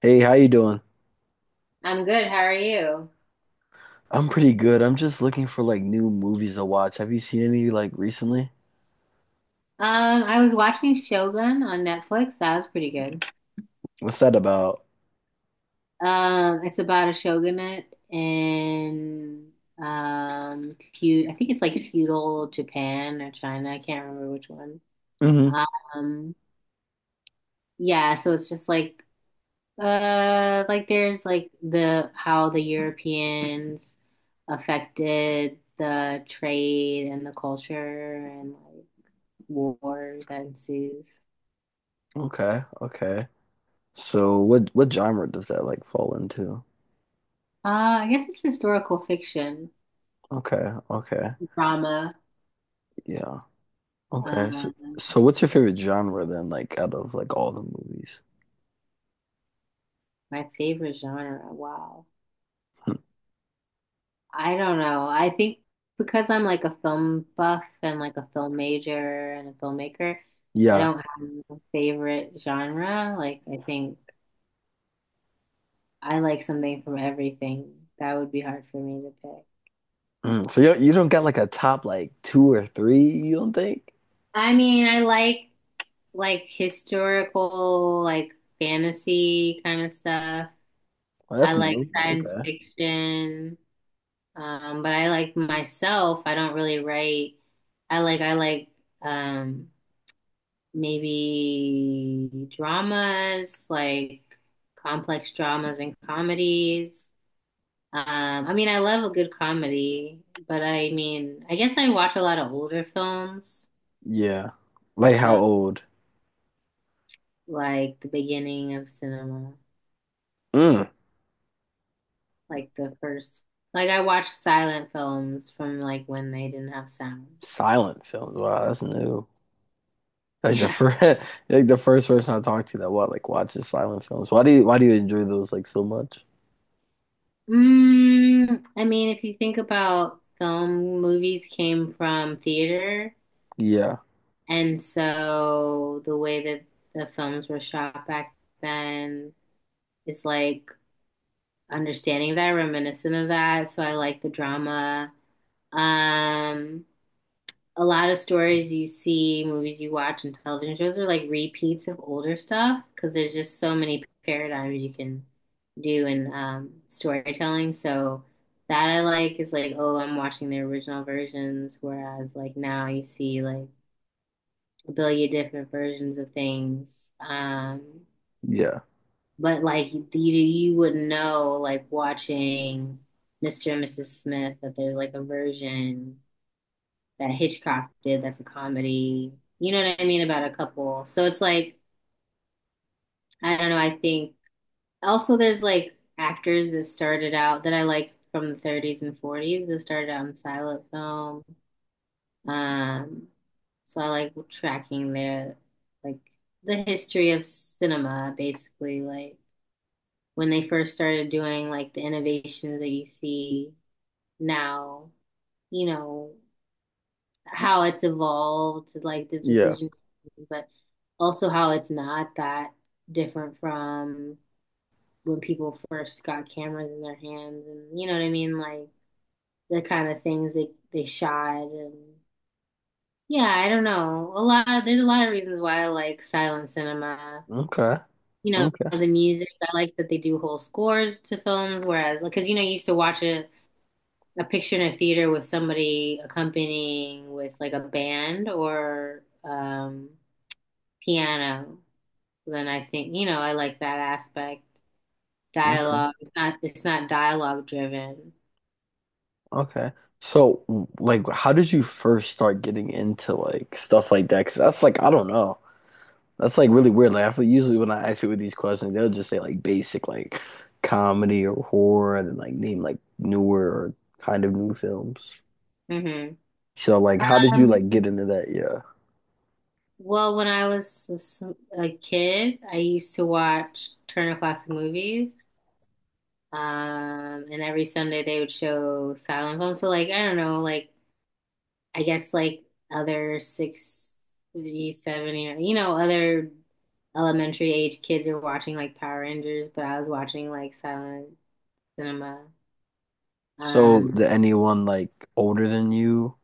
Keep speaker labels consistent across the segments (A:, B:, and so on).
A: Hey, how you doing?
B: I'm good. How are you?
A: I'm pretty good. I'm just looking for like new movies to watch. Have you seen any like recently?
B: I was watching Shogun on Netflix. That was pretty good.
A: What's that about?
B: It's about a shogunate in feud. I think it's like feudal Japan or China. I can't remember which one.
A: hmm
B: Um, yeah. So it's just like there's like the how the Europeans affected the trade and the culture and like war that ensues.
A: Okay, okay. So what genre does that like fall into?
B: Uh, I guess it's historical fiction,
A: Okay, okay.
B: drama.
A: Yeah. Okay. So
B: Um,
A: so what's your favorite genre then, like out of like all the movies?
B: my favorite genre. Wow.
A: Hmm.
B: I don't know. I think because I'm like a film buff and like a film major and a filmmaker, I
A: Yeah.
B: don't have a favorite genre. Like, I think I like something from everything. That would be hard for me to pick.
A: Mm. So you don't got like a top like two or three, you don't think?
B: I mean, I like historical, like fantasy kind of stuff.
A: Well,
B: I
A: that's
B: like
A: new.
B: science
A: Okay.
B: fiction. But I like myself, I don't really write. I like um maybe dramas, like complex dramas and comedies. I mean, I love a good comedy, but I mean, I guess I watch a lot of older films.
A: Yeah. Like how
B: So
A: old?
B: like the beginning of cinema,
A: Mm.
B: like the first, like I watched silent films from like when they didn't have sound.
A: Silent films. Wow, that's new. Like the
B: Yeah.
A: first, like the first person I talked to that what like watches silent films. Why do you enjoy those like so much?
B: Mm, I mean, if you think about film, movies came from theater,
A: Yeah,
B: and so the way that the films were shot back then is like understanding that, reminiscent of that. So I like the drama. Um, a lot of stories you see, movies you watch, and television shows are like repeats of older stuff because there's just so many paradigms you can do in storytelling. So that I like is like, oh, I'm watching the original versions, whereas like now you see like a billion different versions of things.
A: yeah,
B: But like you, wouldn't know like watching Mr. and Mrs. Smith that there's like a version that Hitchcock did that's a comedy. You know what I mean about a couple. So it's like I don't know, I think also there's like actors that started out that I like from the 30s and 40s that started out in silent film. Um so I like tracking their like the history of cinema basically like when they first started doing like the innovations that you see now, you know, how it's evolved, like the
A: yeah.
B: decision, but also how it's not that different from when people first got cameras in their hands and you know what I mean? Like the kind of things they shot and yeah, I don't know. A lot of, there's a lot of reasons why I like silent cinema.
A: Okay,
B: You know,
A: okay,
B: the music, I like that they do whole scores to films, whereas because you know, you used to watch a picture in a theater with somebody accompanying with like a band or piano, then I think, you know, I like that aspect.
A: okay,
B: Dialogue, it's not dialogue driven.
A: okay. So like, how did you first start getting into like stuff like that? Because that's like I don't know. That's like really weird. Like I feel usually when I ask people these questions, they'll just say like basic like comedy or horror, and then like name like newer or kind of new films.
B: Hmm.
A: So like, how did you
B: Um,
A: like get into that? Yeah.
B: well, when I was a kid, I used to watch Turner Classic Movies. And every Sunday they would show silent films. So like, I don't know, like I guess like other 60, 70, or, you know, other elementary age kids are watching like Power Rangers, but I was watching like silent cinema.
A: So
B: Um,
A: that anyone like older than you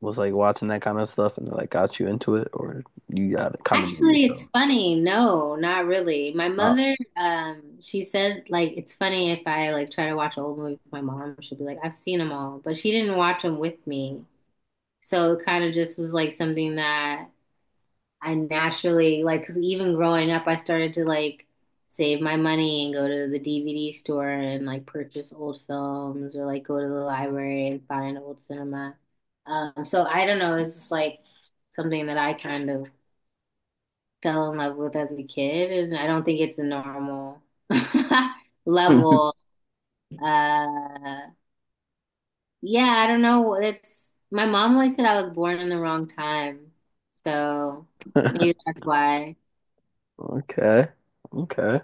A: was like watching that kind of stuff and like got you into it, or you got it kind of do it
B: Actually, it's
A: yourself?
B: funny. No, not really. My
A: Oh.
B: mother, she said like it's funny if I like try to watch old movies with my mom, she'll be like, I've seen them all, but she didn't watch them with me. So it kind of just was like something that I naturally like, 'cause even growing up, I started to like save my money and go to the DVD store and like purchase old films or like go to the library and find old cinema. So I don't know, it's just like something that I kind of fell in love with as a kid, and I don't think it's a normal level. Uh, yeah, I don't know. It's my mom always said I was born in the wrong time, so maybe that's why.
A: Okay. Okay.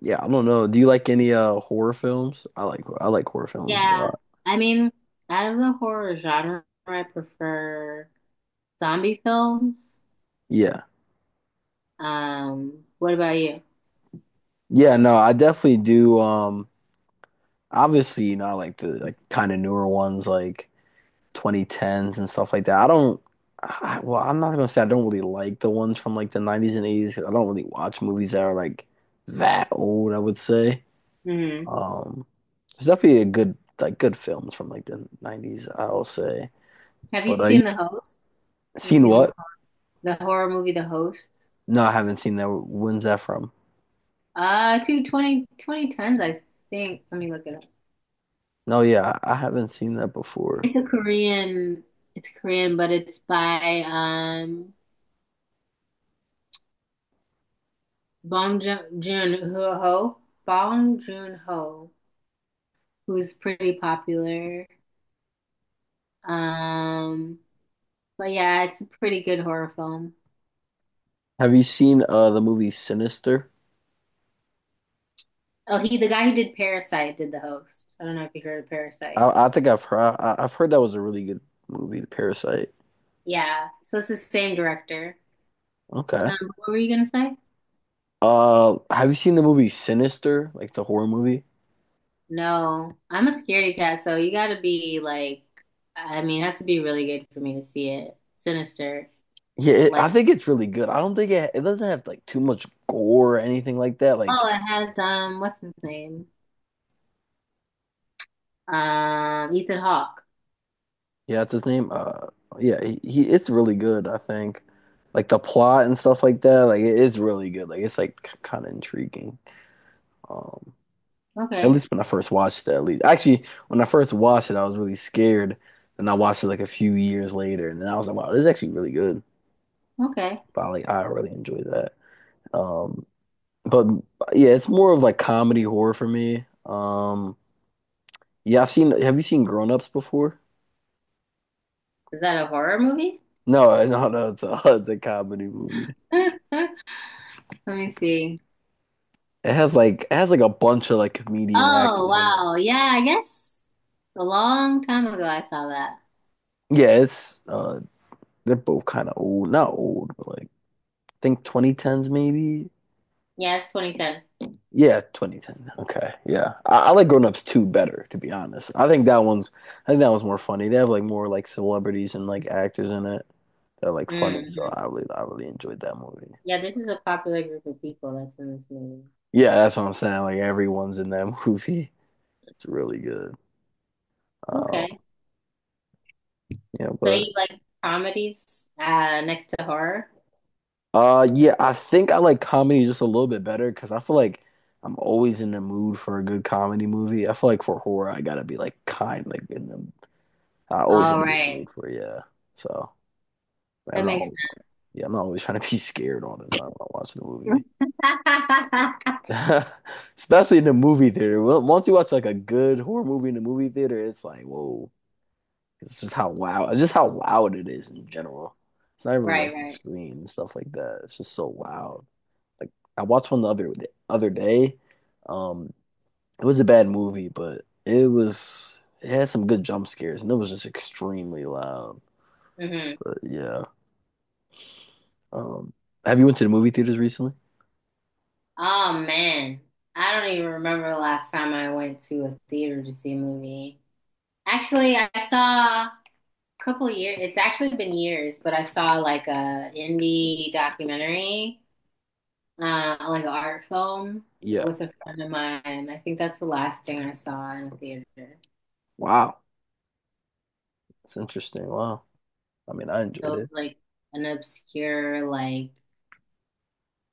A: Yeah, I don't know. Do you like any horror films? I like horror films a
B: Yeah,
A: lot.
B: I mean, out of the horror genre, I prefer zombie films.
A: Yeah.
B: What about you?
A: Yeah, no, I definitely do. Obviously, you know, I like the like kind of newer ones like 2010s and stuff like that. I don't. I, well, I'm not gonna say I don't really like the ones from like the 90s and 80s 'cause I don't really watch movies that are like that old, I would say.
B: Hmm.
A: Um, there's definitely a good like good films from like the 90s, I'll say.
B: Have you
A: But you
B: seen The Host? Have you
A: seen
B: seen
A: what?
B: the horror movie The Host?
A: No, I haven't seen that. When's that from?
B: Two twenty twenty tens, I think. Let me look it up.
A: No, yeah, I haven't seen that before.
B: It's a Korean, it's Korean, but it's by Bong Joon Joon Ho, Bong Joon Ho, who's pretty popular. Um, but yeah, it's a pretty good horror film.
A: Have you seen the movie Sinister?
B: Oh, he, the guy who did Parasite, did the host. I don't know if you heard of Parasite.
A: I think I've heard that was a really good movie, The Parasite.
B: Yeah, so it's the same director.
A: Okay.
B: What were you gonna say?
A: Have you seen the movie Sinister? Like the horror movie?
B: No, I'm a scaredy cat, so you gotta be like, I mean, it has to be really good for me to see it. Sinister.
A: Yeah, it,
B: Like,
A: I think it's really good. I don't think it doesn't have like too much gore or anything like that. Like,
B: oh, it has what's his name? Ethan Hawke.
A: yeah, that's his name. Yeah, he it's really good. I think, like the plot and stuff like that. Like, it is really good. Like, it's like kind of intriguing. Um, at
B: Okay,
A: least when I first watched it. At least, actually, when I first watched it, I was really scared. And I watched it like a few years later, and then I was like, wow, this is actually really good.
B: okay.
A: But like, I really enjoyed that. Um. But yeah, it's more of like comedy horror for me. Yeah, I've seen. Have you seen Grown Ups before?
B: Is that a horror movie?
A: No, no, no. It's it's a comedy movie.
B: Let me see.
A: It has like a bunch of like comedian
B: Oh,
A: actors in it.
B: wow. Yeah, I guess a long time ago I saw that.
A: Yeah, it's they're both kind of old. Not old, but like I think 2010s maybe.
B: Yeah, it's 2010.
A: Yeah, 2010. Okay, yeah. I like Grown Ups 2 better, to be honest. I think that one's more funny. They have like more like celebrities and like actors in it that are like funny, so
B: Hmm.
A: I really enjoyed that movie.
B: Yeah, this is a popular group of people that's in this movie.
A: Yeah, that's what I'm saying. Like everyone's in that movie. It's really good. Um,
B: Okay.
A: yeah,
B: So
A: but
B: you like comedies, next to horror?
A: yeah, I think I like comedy just a little bit better because I feel like I'm always in the mood for a good comedy movie. I feel like for horror, I gotta be like in the, I always
B: All
A: gotta be in the
B: right.
A: mood for it, yeah. So I'm
B: That
A: not,
B: makes
A: al-
B: sense.
A: yeah, I'm not always trying to be scared all the time when I'm watching a movie. Especially in the movie theater. Well, once you watch like a good horror movie in the movie theater, it's like, whoa. It's just how loud it is in general. It's not even
B: Right,
A: like the
B: right.
A: screen and stuff like that. It's just so loud. Like I watched one the other day. Um, it was a bad movie, but it had some good jump scares and it was just extremely loud.
B: Hmm.
A: But yeah. Um, have you went to the movie theaters recently?
B: Oh man, I don't even remember the last time I went to a theater to see a movie. Actually, I saw a couple years. It's actually been years, but I saw like a indie documentary, like an art film
A: Yeah.
B: with a friend of mine. I think that's the last thing I saw in a theater.
A: Wow. It's interesting. Wow. I mean, I
B: So
A: enjoyed
B: it was
A: it.
B: like an obscure like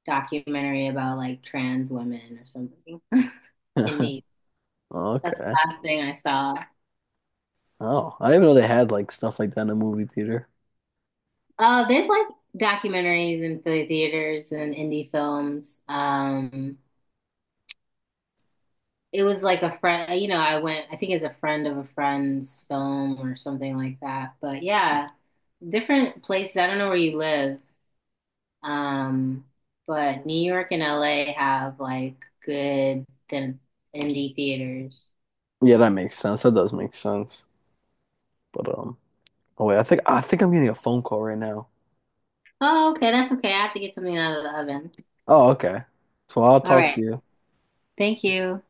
B: documentary about like trans women or something in need. That's the
A: Okay.
B: last thing I saw.
A: Oh, I didn't know they had like stuff like that in a movie theater.
B: There's like documentaries and the theaters and indie films. It was like a friend, you know, I went, I think it's a friend of a friend's film or something like that. But yeah, different places. I don't know where you live. Um, but New York and LA have like good thin indie theaters.
A: Yeah, that makes sense. That does make sense. But oh wait, I think I'm getting a phone call right now.
B: Oh, okay, that's okay. I have to get something out of the oven.
A: Oh, okay. So I'll
B: All
A: talk to
B: right.
A: you.
B: Thank you.